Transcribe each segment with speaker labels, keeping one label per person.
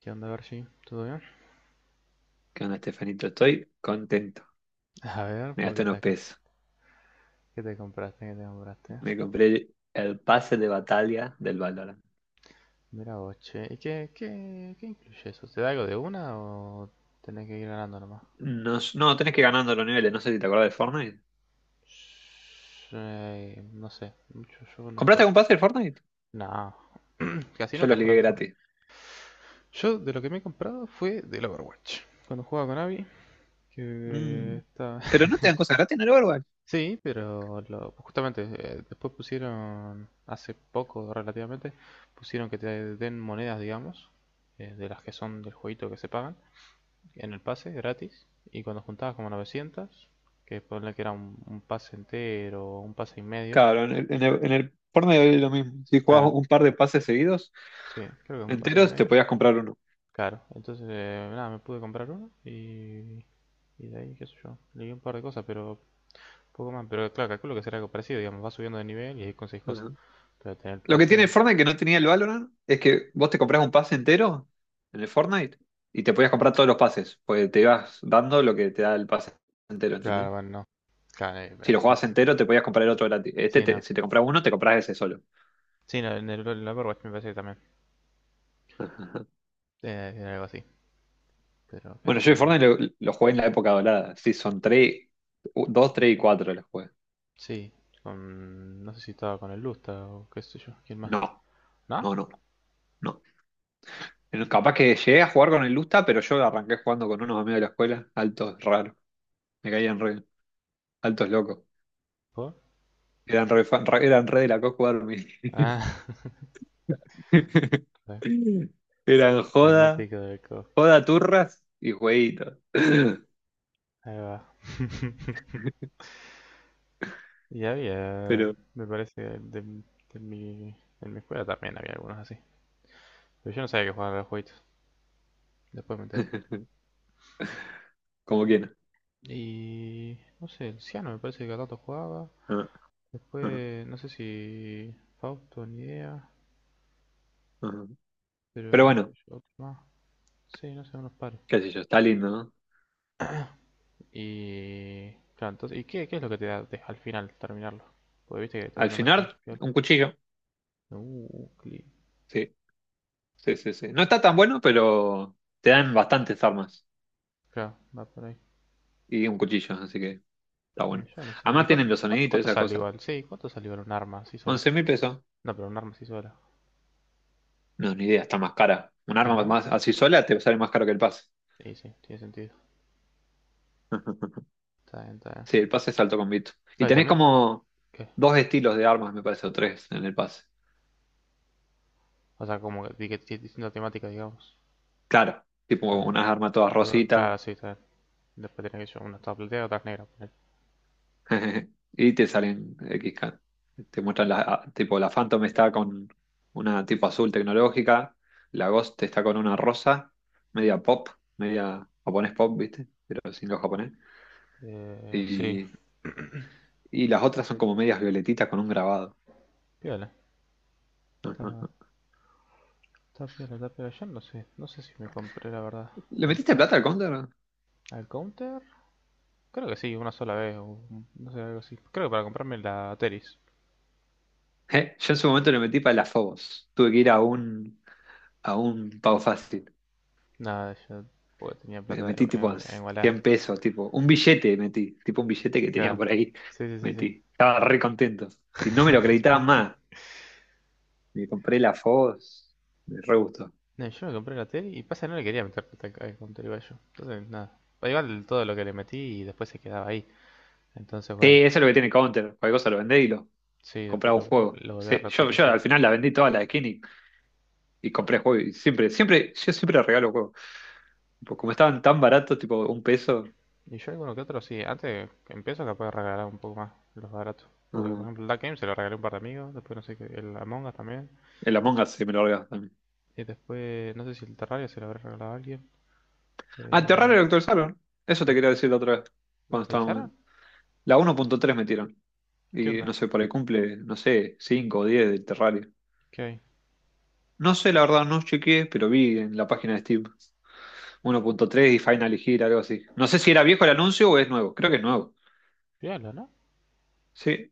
Speaker 1: ¿Qué onda, Garchi? ¿Todo bien?
Speaker 2: ¿Qué onda, Estefanito? Estoy contento.
Speaker 1: A ver,
Speaker 2: Me
Speaker 1: ¿por
Speaker 2: gasté
Speaker 1: qué
Speaker 2: unos
Speaker 1: te,
Speaker 2: pesos.
Speaker 1: qué te compraste? ¿Qué te compraste?
Speaker 2: Me compré el pase de batalla del Valorant.
Speaker 1: Mira vos, che. ¿Y qué incluye eso? ¿Te da algo de una o tenés que ir ganando nomás?
Speaker 2: No, no, tenés que ir ganando los niveles. No sé si te acordás del Fortnite.
Speaker 1: No sé, mucho yo no
Speaker 2: ¿Compraste
Speaker 1: juego.
Speaker 2: algún pase del Fortnite?
Speaker 1: No, casi
Speaker 2: Yo lo
Speaker 1: nunca
Speaker 2: ligué
Speaker 1: juego al Fortnite.
Speaker 2: gratis.
Speaker 1: Yo de lo que me he comprado fue del Overwatch. Cuando jugaba con Abby, que
Speaker 2: Mm.
Speaker 1: está.
Speaker 2: Pero no te dan cosas gratis en el Overwatch.
Speaker 1: Sí, pero justamente después pusieron, hace poco relativamente, pusieron que te den monedas, digamos, de las que son del jueguito que se pagan, en el pase, gratis, y cuando juntabas como 900, que ponle que era un pase entero, o un pase y medio,
Speaker 2: Claro, en el Fortnite es lo mismo. Si jugabas
Speaker 1: claro,
Speaker 2: un par de pases seguidos,
Speaker 1: sí, creo que es un pase y
Speaker 2: enteros, te
Speaker 1: medio,
Speaker 2: podías comprar uno.
Speaker 1: claro, entonces, nada, me pude comprar uno y de ahí, qué sé yo, leí un par de cosas, pero poco más, pero claro, calculo que será algo parecido, digamos, vas subiendo de nivel y ahí conseguís cosas, pero tener el
Speaker 2: Lo que tiene
Speaker 1: pase...
Speaker 2: el Fortnite que no tenía el Valorant es que vos te comprás un pase entero en el Fortnite y te podías comprar todos los pases, porque te ibas dando lo que te da el pase entero,
Speaker 1: Claro,
Speaker 2: ¿entendés?
Speaker 1: bueno, no. Claro,
Speaker 2: Si lo
Speaker 1: bueno,
Speaker 2: jugabas entero, te podías comprar el otro gratis. Este,
Speaker 1: sí, no.
Speaker 2: si te compras uno, te compras ese solo.
Speaker 1: Sí, no, en el Overwatch me parece que también
Speaker 2: Ajá, ajá.
Speaker 1: era algo así, pero qué sé
Speaker 2: Bueno,
Speaker 1: yo,
Speaker 2: yo el
Speaker 1: alguna.
Speaker 2: Fortnite lo jugué en la época dorada. Sí, son 3, 2, 3 y 4 los jugué.
Speaker 1: Sí, con, no sé si estaba con el Lusta o qué sé yo, ¿quién más?
Speaker 2: No,
Speaker 1: ¿No?
Speaker 2: no, no, no. Capaz que llegué a jugar con el Lusta, pero yo arranqué jugando con unos amigos de la escuela, altos raros. Me caían re, altos locos.
Speaker 1: ¿Por?
Speaker 2: Eran eran re de la co jugar.
Speaker 1: Ah,
Speaker 2: Eran joda,
Speaker 1: fanático de Coscu.
Speaker 2: joda turras y jueguitos.
Speaker 1: Ahí va. Y había,
Speaker 2: Pero,
Speaker 1: me parece, en mi escuela también había algunos así. Pero yo no sabía que jugaban a los jueguitos, después me enteré.
Speaker 2: como quieran.
Speaker 1: Y no sé, el Ciano me parece que a tanto jugaba.
Speaker 2: Ajá, ajá,
Speaker 1: Después, no sé si Fausto ni idea,
Speaker 2: ajá.
Speaker 1: pero
Speaker 2: Pero bueno,
Speaker 1: yo, otro más. Sí, no sé, unos pares.
Speaker 2: qué sé yo, está lindo, ¿no?
Speaker 1: Y claro, entonces, ¿y qué, es lo que te da al final terminarlo? Porque viste que te van
Speaker 2: Al
Speaker 1: dando aquí en su
Speaker 2: final,
Speaker 1: piola.
Speaker 2: un cuchillo.
Speaker 1: Cli-.
Speaker 2: Sí, sí, sí, sí. No está tan bueno, pero te dan bastantes armas
Speaker 1: Claro, va por ahí.
Speaker 2: y un cuchillo, así que está
Speaker 1: Y
Speaker 2: bueno.
Speaker 1: yo no sé. ¿Y
Speaker 2: Además tienen
Speaker 1: cuánto,
Speaker 2: los
Speaker 1: cuánto,
Speaker 2: soniditos, y
Speaker 1: cuánto
Speaker 2: esa
Speaker 1: sale
Speaker 2: cosa.
Speaker 1: igual? Sí, ¿cuánto sale igual un arma así sola?
Speaker 2: 11 mil pesos.
Speaker 1: No, pero un arma así sola.
Speaker 2: No, ni idea, está más cara. Un
Speaker 1: Sí,
Speaker 2: arma
Speaker 1: ¿no?
Speaker 2: más así sola te sale más caro que el pase.
Speaker 1: Sí, sí, tiene sentido. Está bien, está bien.
Speaker 2: Sí, el pase es alto con Vito. Y
Speaker 1: Claro, y
Speaker 2: tenés
Speaker 1: también,
Speaker 2: como
Speaker 1: ¿qué?
Speaker 2: dos estilos de armas, me parece, o tres en el pase.
Speaker 1: O sea, como que que tiene distinta temática, digamos.
Speaker 2: Claro, tipo
Speaker 1: Está bien.
Speaker 2: unas armas todas
Speaker 1: Todo,
Speaker 2: rositas,
Speaker 1: claro, sí, está bien. Después tiene que llevar una toda plateada, otra negra.
Speaker 2: y te salen XK. Te muestran tipo la Phantom está con una tipo azul tecnológica, la Ghost está con una rosa, media pop, media japonés pop, ¿viste? Pero sin lo japonés.
Speaker 1: Sí.
Speaker 2: Y, y las otras son como medias violetitas con un grabado.
Speaker 1: Piola. Está, está piola, está piola. Yo no sé. No sé si me compré la verdad
Speaker 2: ¿Le
Speaker 1: el
Speaker 2: metiste
Speaker 1: pase.
Speaker 2: plata al counter?
Speaker 1: ¿Al counter? Creo que sí, una sola vez. O, no sé, algo así. Creo que para comprarme la Teris.
Speaker 2: Yo en su momento le metí para las Fobos. Tuve que ir a un pago fácil.
Speaker 1: Nada, yo porque tenía
Speaker 2: Me
Speaker 1: plata
Speaker 2: metí tipo
Speaker 1: en Wallah.
Speaker 2: $100, tipo un billete metí, tipo un billete que tenía
Speaker 1: Claro.
Speaker 2: por ahí,
Speaker 1: Sí, sí, sí,
Speaker 2: metí. Estaba re contento. Y no me
Speaker 1: sí.
Speaker 2: lo acreditaban más. Me compré la FOS, me re gustó.
Speaker 1: No, yo me compré la tele y pasa no le quería meter plata counter igual yo. Entonces, nada. Igual todo lo que le metí y después se quedaba ahí. Entonces,
Speaker 2: Sí,
Speaker 1: bueno.
Speaker 2: eso es lo que tiene Counter. Cualquier cosa lo vendés y lo
Speaker 1: Sí, después
Speaker 2: compraba un
Speaker 1: lo,
Speaker 2: juego.
Speaker 1: lo volví a
Speaker 2: Sí, yo
Speaker 1: reutilizar.
Speaker 2: al final la vendí toda la skin y compré juego. Y siempre, siempre, yo siempre regalo juegos. Tipo, como estaban tan baratos, tipo un peso,
Speaker 1: Y yo alguno que otro, sí, antes que empiezo capaz de regalar un poco más los baratos. Porque, por
Speaker 2: mm,
Speaker 1: ejemplo, el Dark Game se lo regalé a un par de amigos, después no sé qué, el Among Us también.
Speaker 2: el Among Us se me lo regaló también.
Speaker 1: Y después, no sé si el Terraria se lo habrá regalado a alguien.
Speaker 2: Ah, te raro
Speaker 1: Eh,
Speaker 2: lo actualizaron. Eso
Speaker 1: ¿lo,
Speaker 2: te quería decir la otra vez,
Speaker 1: lo
Speaker 2: cuando estábamos.
Speaker 1: actualizaron?
Speaker 2: La 1.3 metieron.
Speaker 1: ¿Qué
Speaker 2: Y no
Speaker 1: onda?
Speaker 2: sé, por ahí cumple, no sé, 5 o 10 del Terraria.
Speaker 1: ¿Qué hay?
Speaker 2: No sé, la verdad, no chequeé, pero vi en la página de Steam 1.3 y Final Gear, algo así. No sé si era viejo el anuncio o es nuevo. Creo que es nuevo.
Speaker 1: Fíjalo, ¿no?
Speaker 2: Sí,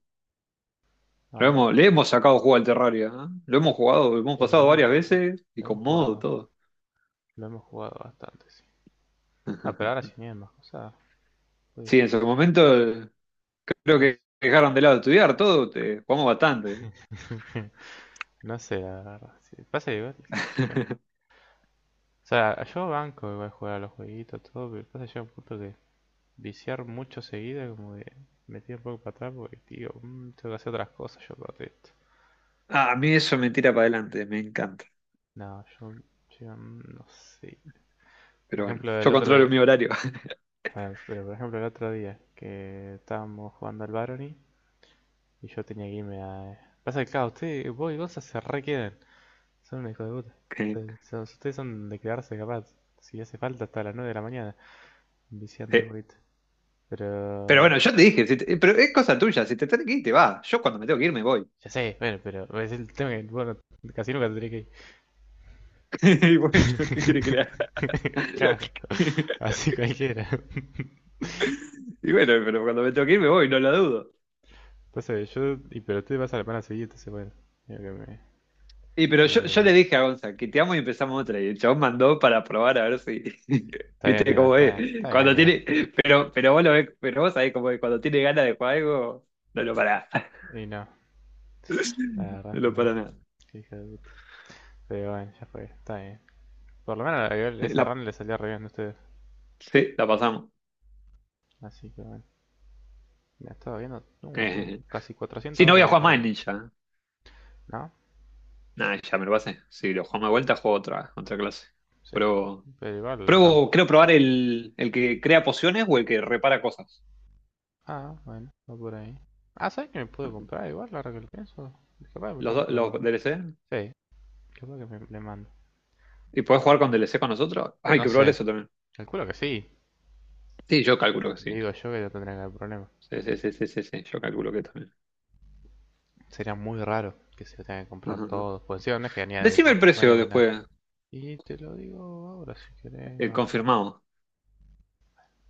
Speaker 1: A ver.
Speaker 2: le hemos sacado juego al Terraria, ¿eh? Lo hemos jugado, lo hemos
Speaker 1: Y
Speaker 2: pasado varias veces y
Speaker 1: lo hemos
Speaker 2: con modo,
Speaker 1: jugado,
Speaker 2: todo.
Speaker 1: lo hemos jugado bastante, sí. Ah, pero ahora sí vienen más cosas. Puede
Speaker 2: Sí, en
Speaker 1: ser,
Speaker 2: su momento, creo
Speaker 1: puede ser.
Speaker 2: que dejaron de lado estudiar todo, te, jugamos bastante.
Speaker 1: No sé, la verdad. Sí. Pasa igual, qué sé yo. O sea, yo banco igual jugar a los jueguitos, todo, pero pasa que llega un punto que viciar mucho seguido, como de me tiro un poco para atrás porque, tío, tengo que hacer otras cosas yo aparte esto.
Speaker 2: Ah, a mí eso me tira para adelante, me encanta.
Speaker 1: No, yo, no sé. Por
Speaker 2: Pero bueno,
Speaker 1: ejemplo, el
Speaker 2: yo
Speaker 1: otro
Speaker 2: controlo
Speaker 1: de-
Speaker 2: mi horario.
Speaker 1: Bueno, pero por ejemplo el otro día que estábamos jugando al Barony y yo tenía que irme a... Pasa que, claro, ustedes, vos y Gonza se re quedan. Son unos hijos de puta. Ustedes son de quedarse capaz. Si hace falta hasta las 9 de la mañana viciando
Speaker 2: Sí.
Speaker 1: el jueguito.
Speaker 2: Pero
Speaker 1: Pero...
Speaker 2: bueno, yo te dije, si pero es cosa tuya, si te tenés que ir, te vas. Yo cuando me tengo que ir, me voy.
Speaker 1: Ya sé, bueno, pero es el tema que, bueno, casi nunca tendría que ir.
Speaker 2: Y bueno, ¿qué quiere que le haga?
Speaker 1: Claro, así cualquiera.
Speaker 2: Y bueno, pero cuando me tengo que ir, me voy, no lo dudo.
Speaker 1: Entonces, yo. Y pero tú vas a la pana seguida, entonces, bueno. Digo que me.
Speaker 2: Y pero
Speaker 1: Que digo,
Speaker 2: yo le dije a Gonza que te amo y empezamos otra. Y el chabón mandó para probar a ver si.
Speaker 1: Está bien,
Speaker 2: ¿Viste
Speaker 1: Iván,
Speaker 2: cómo es?
Speaker 1: está bien,
Speaker 2: Cuando
Speaker 1: Iván."
Speaker 2: tiene. Pero vos lo ves, pero vos sabés cómo es. Cuando tiene ganas de jugar algo, no lo para.
Speaker 1: Y no, la verdad
Speaker 2: No
Speaker 1: que
Speaker 2: lo
Speaker 1: no.
Speaker 2: para nada.
Speaker 1: Qué hija de puta. Pero bueno, ya fue, está bien. Por lo menos esa
Speaker 2: La,
Speaker 1: run le salía re bien a ustedes.
Speaker 2: sí, la pasamos.
Speaker 1: Así que bueno. Me estaba viendo. No, tengo casi
Speaker 2: Sí,
Speaker 1: 400
Speaker 2: no voy
Speaker 1: horas
Speaker 2: a
Speaker 1: en el
Speaker 2: jugar más en
Speaker 1: torneo.
Speaker 2: Ninja.
Speaker 1: ¿No?
Speaker 2: Nada, ya me lo pasé. Si lo jugamos de vuelta, juego otra, otra clase.
Speaker 1: Sí.
Speaker 2: Pero,
Speaker 1: Pero igual.
Speaker 2: pruebo, creo probar el que crea pociones o el que repara cosas.
Speaker 1: Ah, bueno, va por ahí. Ah, ¿sabes que me puedo
Speaker 2: Ujú.
Speaker 1: comprar igual ahora que lo pienso? Capaz me
Speaker 2: Los dos, los
Speaker 1: compro.
Speaker 2: DLC.
Speaker 1: Sí, ¿qué es lo que le mando?
Speaker 2: ¿Y podés jugar con DLC con nosotros? Hay
Speaker 1: No
Speaker 2: que
Speaker 1: sé,
Speaker 2: probar eso también.
Speaker 1: calculo que sí.
Speaker 2: Sí, yo calculo que sí.
Speaker 1: Digo yo que no tendría que haber problema.
Speaker 2: Sí, sí, sí, sí, sí, sí, yo calculo que también.
Speaker 1: Sería muy raro que se lo tenga que comprar
Speaker 2: Ujú, ujú.
Speaker 1: todo. Pues sí, no es que venía de
Speaker 2: Decime el
Speaker 1: papas
Speaker 2: precio
Speaker 1: nuevos, nada.
Speaker 2: después,
Speaker 1: Y te lo digo ahora si querés.
Speaker 2: el confirmado,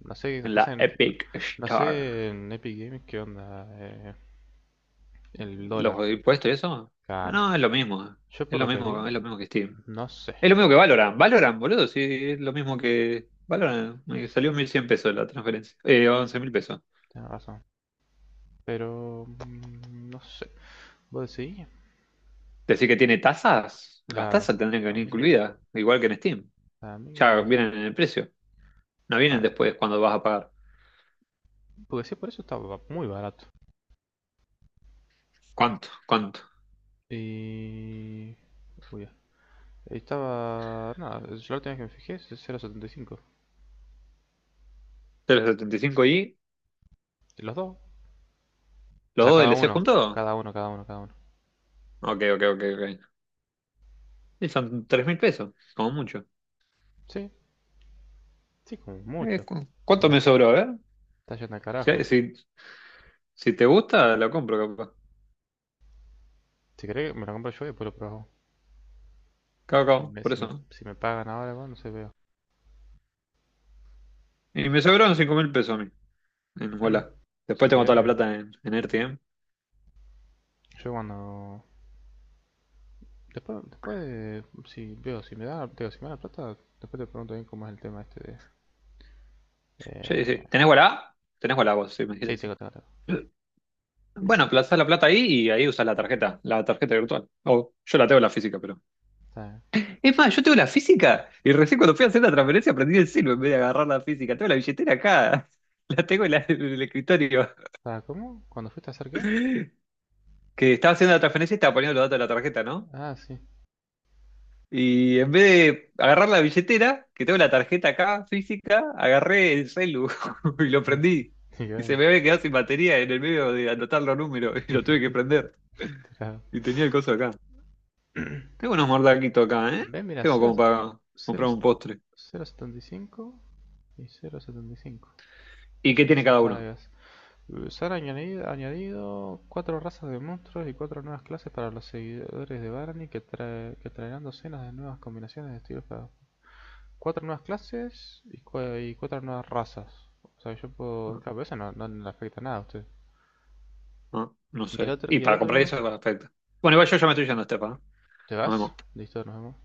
Speaker 1: No sé qué
Speaker 2: en
Speaker 1: pasa
Speaker 2: la
Speaker 1: en. No,
Speaker 2: Epic
Speaker 1: no
Speaker 2: Star.
Speaker 1: sé en Epic Games qué onda, el dólar.
Speaker 2: ¿Los impuestos y eso?
Speaker 1: Claro.
Speaker 2: No, es lo mismo.
Speaker 1: Yo
Speaker 2: Es
Speaker 1: por
Speaker 2: lo
Speaker 1: lo que vi,
Speaker 2: mismo, es lo mismo que Steam.
Speaker 1: no sé.
Speaker 2: Es lo
Speaker 1: Yo
Speaker 2: mismo que
Speaker 1: por.
Speaker 2: Valorant. Valorant, boludo, sí, es lo mismo que Valorant. Me salió $1.100 la transferencia. $11.000.
Speaker 1: Tienes razón. Pero, no sé. ¿Vos decís?
Speaker 2: Decir que tiene tasas, las
Speaker 1: Claro.
Speaker 2: tasas tendrían que
Speaker 1: Para
Speaker 2: venir
Speaker 1: mí,
Speaker 2: incluidas, igual que en Steam.
Speaker 1: para mí como
Speaker 2: Ya
Speaker 1: que. Es-
Speaker 2: vienen en el precio, no vienen
Speaker 1: está-.
Speaker 2: después cuando vas a pagar.
Speaker 1: Porque si por eso está muy barato.
Speaker 2: ¿Cuánto? ¿Cuánto?
Speaker 1: Y. Uy, ya. Ahí estaba. Nada, yo la última vez que me fijé es 0.75.
Speaker 2: ¿3,75 y
Speaker 1: De los dos. O
Speaker 2: los
Speaker 1: sea,
Speaker 2: dos D
Speaker 1: cada
Speaker 2: L C
Speaker 1: uno.
Speaker 2: juntos?
Speaker 1: Cada uno, cada uno, cada uno.
Speaker 2: Ok, ok, ok, ok. Y son $3.000, como mucho.
Speaker 1: Sí, sí, como mucho.
Speaker 2: ¿Cuánto me sobró? A ver.
Speaker 1: Está yendo al carajo.
Speaker 2: Si, si, si te gusta, lo compro, capaz.
Speaker 1: Si querés, me lo compro yo y después lo probamos.
Speaker 2: Cabo,
Speaker 1: Si
Speaker 2: cabo,
Speaker 1: me,
Speaker 2: por
Speaker 1: si me,
Speaker 2: eso.
Speaker 1: si me pagan ahora, bueno, no sé, veo.
Speaker 2: Y me sobraron $5.000 a mí, en Walla. Después
Speaker 1: Si
Speaker 2: tengo toda
Speaker 1: querés,
Speaker 2: la
Speaker 1: mira.
Speaker 2: plata en, en Erti.
Speaker 1: Yo cuando. Después, si veo, si me da, digo, si me da la plata, después te pregunto bien cómo es el tema este de.
Speaker 2: Sí,
Speaker 1: Eh...
Speaker 2: sí. ¿Tenés Walla? Tenés Walla vos, sí, me
Speaker 1: Sí,
Speaker 2: dijiste, sí.
Speaker 1: tengo, tengo, tengo.
Speaker 2: Bueno, plazás la plata ahí y ahí usás la tarjeta virtual. O yo la tengo la física, pero.
Speaker 1: Está bien.
Speaker 2: Es más, yo tengo la física y recién cuando fui a hacer la transferencia aprendí el silbo en vez de agarrar la física. Tengo la billetera acá. La tengo en el escritorio.
Speaker 1: Ah, ¿cómo? ¿Cuándo fuiste a hacer qué?
Speaker 2: Que estaba haciendo la transferencia y estaba poniendo los datos de la tarjeta, ¿no?
Speaker 1: Ah, sí.
Speaker 2: Y en vez de agarrar la billetera, que tengo la tarjeta acá física, agarré el celu y lo prendí.
Speaker 1: y
Speaker 2: Y se
Speaker 1: bueno.
Speaker 2: me había quedado sin batería en el medio de anotar los números y lo tuve que prender.
Speaker 1: Tra-
Speaker 2: Y tenía el coso acá. Tengo unos mordaquitos acá, ¿eh?
Speaker 1: Ve, mira,
Speaker 2: Tengo
Speaker 1: cero
Speaker 2: como para comprar
Speaker 1: punto
Speaker 2: un postre.
Speaker 1: setenta y 0.75.
Speaker 2: ¿Y qué tiene
Speaker 1: Legends and
Speaker 2: cada uno?
Speaker 1: Paradise. Se han añadido cuatro razas de monstruos y cuatro nuevas clases para los seguidores de Barney que, que traerán docenas de nuevas combinaciones de estilos para... Cuatro nuevas clases y, y cuatro nuevas razas. O sea, yo puedo...
Speaker 2: Ah,
Speaker 1: Claro, pero eso no, no no le afecta nada a usted.
Speaker 2: ah, no sé. Y
Speaker 1: Y el
Speaker 2: para comprar
Speaker 1: otro
Speaker 2: eso, es perfecto. Bueno, igual yo ya me estoy yendo, Estefa, ¿no?
Speaker 1: ¿te
Speaker 2: Nos
Speaker 1: vas?
Speaker 2: vemos.
Speaker 1: Listo, nos vemos.